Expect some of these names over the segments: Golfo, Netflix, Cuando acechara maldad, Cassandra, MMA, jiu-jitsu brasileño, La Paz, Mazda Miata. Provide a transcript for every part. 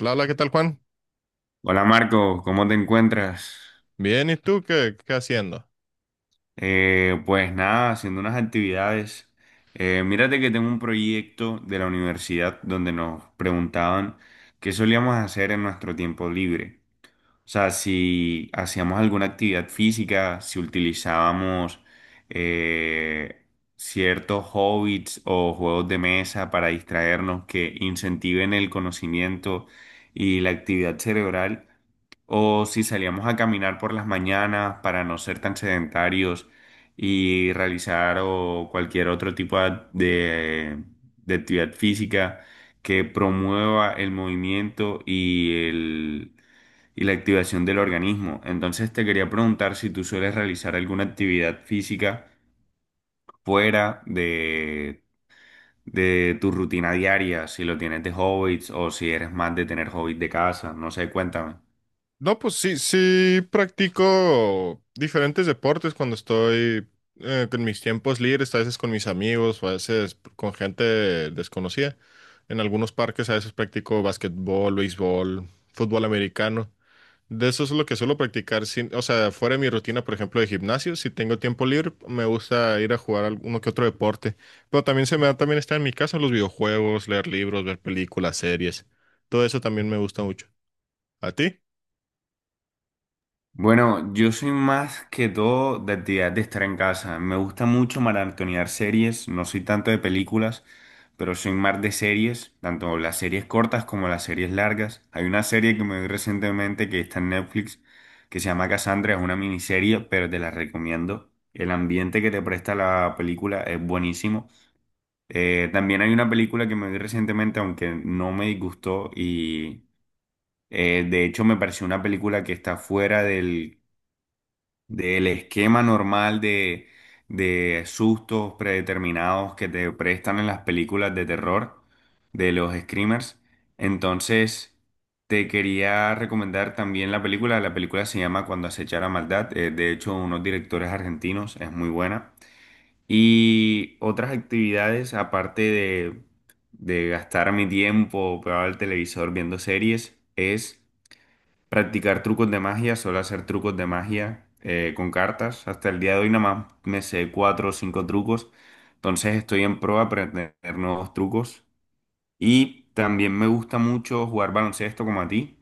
Hola, ¿qué tal, Juan? Hola Marco, ¿cómo te encuentras? Bien, ¿y tú qué haciendo? Pues nada, haciendo unas actividades. Mírate que tengo un proyecto de la universidad donde nos preguntaban qué solíamos hacer en nuestro tiempo libre. O sea, si hacíamos alguna actividad física, si utilizábamos eh, ciertos hobbies o juegos de mesa para distraernos que incentiven el conocimiento y la actividad cerebral. O si salíamos a caminar por las mañanas para no ser tan sedentarios y realizar o cualquier otro tipo de actividad física que promueva el movimiento y la activación del organismo. Entonces te quería preguntar si tú sueles realizar alguna actividad física fuera de tu rutina diaria, si lo tienes de hobbies o si eres más de tener hobbies de casa. No sé, cuéntame. No, pues sí, sí practico diferentes deportes cuando estoy con mis tiempos libres, a veces con mis amigos, o a veces con gente desconocida. En algunos parques a veces practico básquetbol, béisbol, fútbol americano. De eso es lo que suelo practicar, o sea, fuera de mi rutina, por ejemplo, de gimnasio, si tengo tiempo libre, me gusta ir a jugar alguno que otro deporte, pero también se me da también estar en mi casa, los videojuegos, leer libros, ver películas, series, todo eso también me gusta mucho. ¿A ti? Bueno, yo soy más que todo de actividad de estar en casa. Me gusta mucho maratonear series, no soy tanto de películas, pero soy más de series, tanto las series cortas como las series largas. Hay una serie que me vi recientemente que está en Netflix, que se llama Cassandra, es una miniserie, pero te la recomiendo. El ambiente que te presta la película es buenísimo. También hay una película que me vi recientemente, aunque no me disgustó y de hecho me pareció una película que está fuera del esquema normal de sustos predeterminados que te prestan en las películas de terror de los screamers. Entonces, te quería recomendar también la película. La película se llama Cuando acechara maldad. De hecho, unos directores argentinos, es muy buena. Y otras actividades, aparte de gastar mi tiempo pegado al televisor viendo series, es practicar trucos de magia, suelo hacer trucos de magia con cartas. Hasta el día de hoy nada más me sé cuatro o cinco trucos. Entonces estoy en pro a aprender nuevos trucos. Y también me gusta mucho jugar baloncesto como a ti.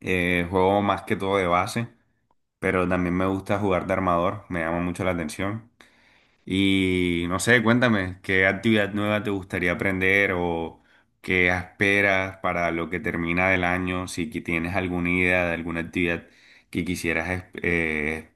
Juego más que todo de base, pero también me gusta jugar de armador. Me llama mucho la atención. Y no sé, cuéntame, ¿qué actividad nueva te gustaría aprender o qué esperas para lo que termina del año? Si que tienes alguna idea de alguna actividad que quisieras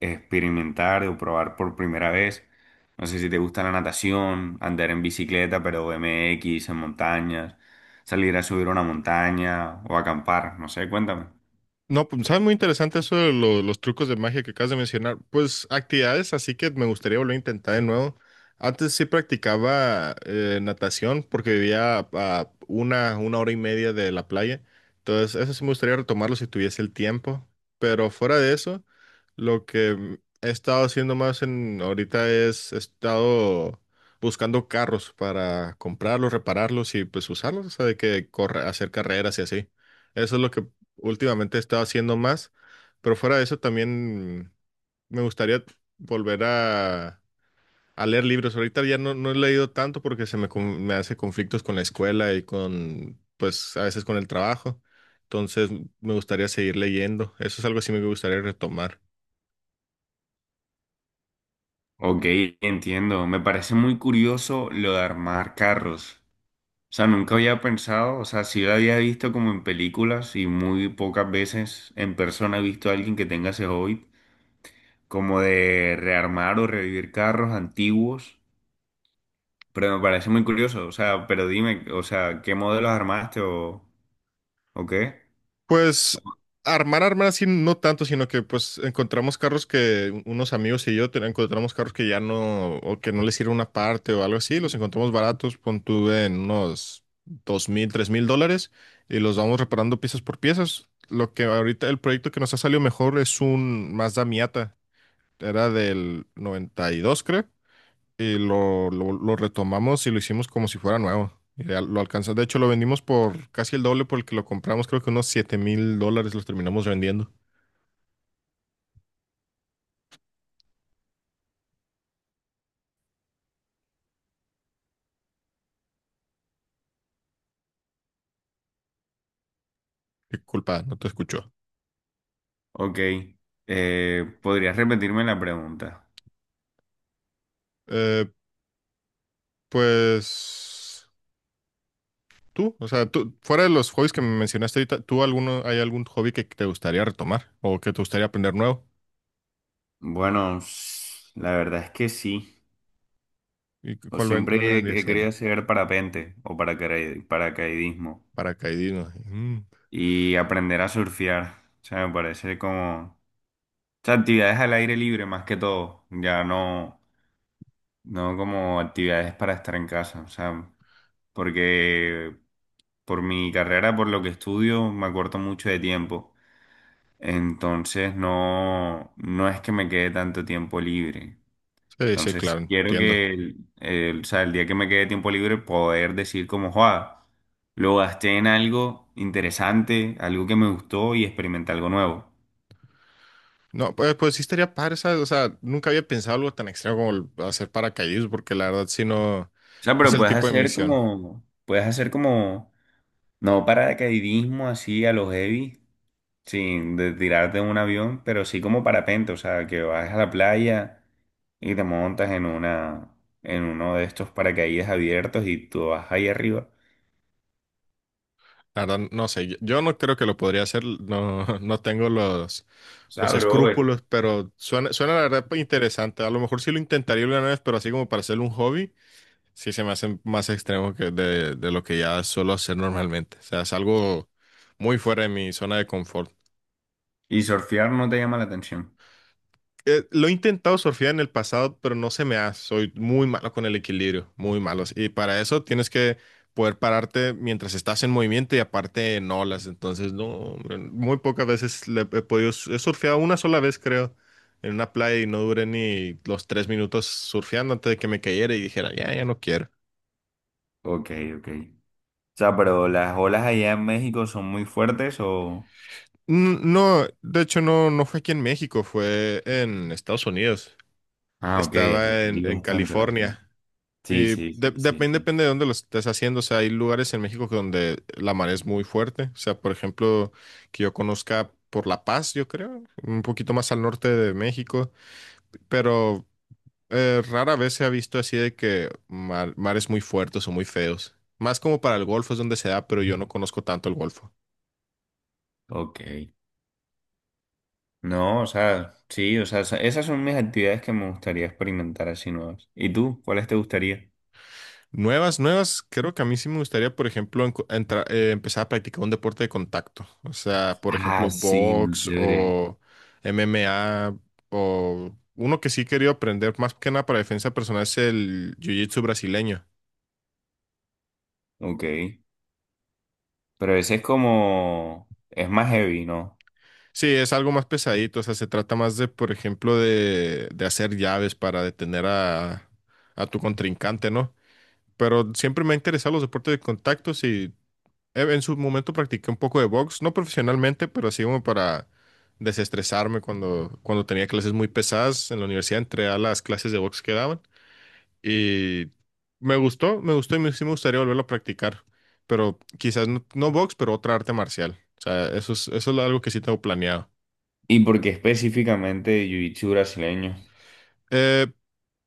experimentar o probar por primera vez. No sé si te gusta la natación, andar en bicicleta, pero MX, en montañas, salir a subir una montaña o acampar, no sé, cuéntame. No, pues sabes muy interesante eso de los trucos de magia que acabas de mencionar. Pues actividades, así que me gustaría volver a intentar de nuevo. Antes sí practicaba natación porque vivía a una hora y media de la playa. Entonces, eso sí me gustaría retomarlo si tuviese el tiempo. Pero fuera de eso, lo que he estado haciendo más en ahorita es he estado buscando carros para comprarlos, repararlos y pues usarlos, o sea, de que corre, hacer carreras y así. Eso es lo que últimamente he estado haciendo más, pero fuera de eso también me gustaría volver a leer libros. Ahorita ya no, no he leído tanto porque se me, con- me hace conflictos con la escuela y con, pues a veces con el trabajo. Entonces me gustaría seguir leyendo. Eso es algo así me gustaría retomar. Ok, entiendo. Me parece muy curioso lo de armar carros. O sea, nunca había pensado, o sea, sí lo había visto como en películas y muy pocas veces en persona he visto a alguien que tenga ese hobby, como de rearmar o revivir carros antiguos, pero me parece muy curioso, o sea, pero dime, o sea, ¿qué modelos armaste o qué? Pues armar, armar así no tanto, sino que pues encontramos carros que unos amigos y yo encontramos carros que ya no, o que no les sirve una parte o algo así, los encontramos baratos, pon tú en unos 2.000, 3.000 dólares y los vamos reparando piezas por piezas. Lo que ahorita el proyecto que nos ha salido mejor es un Mazda Miata, era del 92, creo, y lo retomamos y lo hicimos como si fuera nuevo. Y ya lo alcanzamos. De hecho, lo vendimos por casi el doble por el que lo compramos. Creo que unos 7.000 dólares los terminamos vendiendo. Qué culpa, no te escuchó. Ok, ¿podrías repetirme la pregunta? Eh, pues tú, o sea, tú, fuera de los hobbies que me mencionaste ahorita, ¿tú alguno, hay algún hobby que te gustaría retomar o que te gustaría aprender nuevo? Bueno, la verdad es que sí, ¿Y o cuál, siempre cuál he vendría he querido siendo? hacer parapente o paracaidismo. Paracaidismo. Mm. Y aprender a surfear. O sea, me parece como... O sea, actividades al aire libre más que todo. Ya no, no como actividades para estar en casa. O sea, porque por mi carrera, por lo que estudio, me acorto mucho de tiempo. Entonces no, no es que me quede tanto tiempo libre. Sí, sí, claro, Entonces quiero entiendo. que o sea, el día que me quede tiempo libre poder decir como, joa, lo gasté en algo interesante, algo que me gustó y experimenté algo nuevo. No, pues, pues sí estaría padre, ¿sabes? O sea, nunca había pensado algo tan extremo como el hacer paracaidismo, porque la verdad sí no, no O sea, es pero el tipo de misión. Puedes hacer como, no paracaidismo así a los heavy, sin de tirarte de un avión, pero sí como parapente, o sea, que vas a la playa y te montas en una, en uno de estos paracaídas abiertos y tú vas ahí arriba. La verdad, no sé, yo no creo que lo podría hacer, no, no tengo O sea, los bro, escrúpulos, pero suena, suena la verdad interesante. A lo mejor sí lo intentaría una vez, pero así como para hacer un hobby, sí se me hace más extremo que de lo que ya suelo hacer normalmente. O sea, es algo muy fuera de mi zona de confort. y surfear no te llama la atención. Lo he intentado surfear en el pasado, pero no se me da. Soy muy malo con el equilibrio, muy malos. Y para eso tienes que poder pararte mientras estás en movimiento y aparte en olas. Entonces, no, hombre, muy pocas veces le he podido. He surfeado una sola vez, creo, en una playa y no duré ni los 3 minutos surfeando antes de que me cayera y dijera, ya, ya no quiero. Ok, ok. O sea, pero las olas allá en México son muy fuertes o... N- No, de hecho, no, no fue aquí en México, fue en Estados Unidos. Ah, ok, allá Estaba sí, en bastante, la verdad. California. Sí, sí, sí, sí, Depende, sí. depende de dónde lo estés haciendo. O sea, hay lugares en México que donde la mar es muy fuerte. O sea, por ejemplo, que yo conozca por La Paz, yo creo, un poquito más al norte de México. Pero rara vez se ha visto así de que mares muy fuertes o muy feos. Más como para el Golfo es donde se da, pero yo no conozco tanto el Golfo. Ok. No, o sea, sí, o sea, esas son mis actividades que me gustaría experimentar así nuevas. ¿Y tú? ¿Cuáles te gustaría? Nuevas, nuevas, creo que a mí sí me gustaría, por ejemplo, empezar a practicar un deporte de contacto. O sea, por Ah, ejemplo, sí, muy box chévere. o MMA o uno que sí he querido aprender más que nada para defensa personal es el jiu-jitsu brasileño. Ok. Pero ese es como, es más heavy, ¿no? Sí, es algo más pesadito, o sea, se trata más de, por ejemplo, de hacer llaves para detener a tu contrincante, ¿no? Pero siempre me han interesado los deportes de contacto, sí. En su momento practiqué un poco de box, no profesionalmente, pero sí como para desestresarme cuando tenía clases muy pesadas en la universidad, entré a las clases de box que daban y me gustó y me- sí me gustaría volverlo a practicar, pero quizás no, no box, pero otra arte marcial. O sea, eso es algo que sí tengo planeado. ¿Y por qué específicamente jiu-jitsu brasileño? Eh,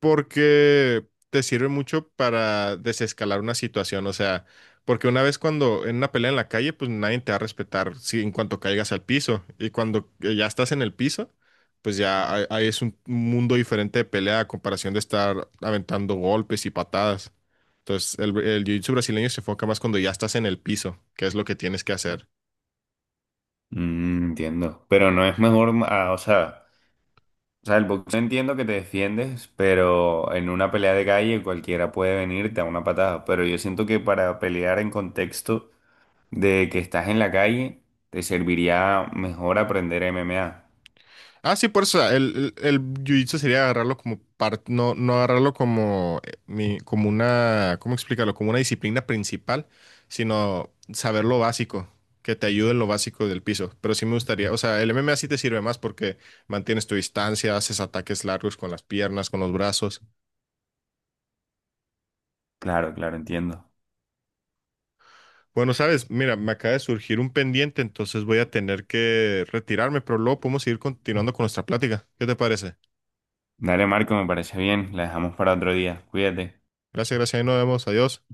Porque te sirve mucho para desescalar una situación, o sea, porque una vez cuando en una pelea en la calle, pues nadie te va a respetar si en cuanto caigas al piso y cuando ya estás en el piso, pues ya ahí es un mundo diferente de pelea a comparación de estar aventando golpes y patadas. Entonces, el jiu-jitsu brasileño se enfoca más cuando ya estás en el piso, que es lo que tienes que hacer. Mm, entiendo. Pero no es mejor, ah, o sea, el boxeo entiendo que te defiendes, pero en una pelea de calle cualquiera puede venirte a una patada. Pero yo siento que para pelear en contexto de que estás en la calle, te serviría mejor aprender MMA. Ah, sí, por eso el jiu-jitsu sería agarrarlo como parte, no, no agarrarlo como, como una, ¿cómo explicarlo? Como una disciplina principal, sino saber lo básico, que te ayude en lo básico del piso. Pero sí me gustaría, o sea, el MMA sí te sirve más porque mantienes tu distancia, haces ataques largos con las piernas, con los brazos. Claro, claro, entiendo. Bueno, sabes, mira, me acaba de surgir un pendiente, entonces voy a tener que retirarme, pero luego podemos seguir continuando con nuestra plática. ¿Qué te parece? Dale, Marco, me parece bien. La dejamos para otro día. Cuídate. Gracias, gracias, ahí nos vemos, adiós.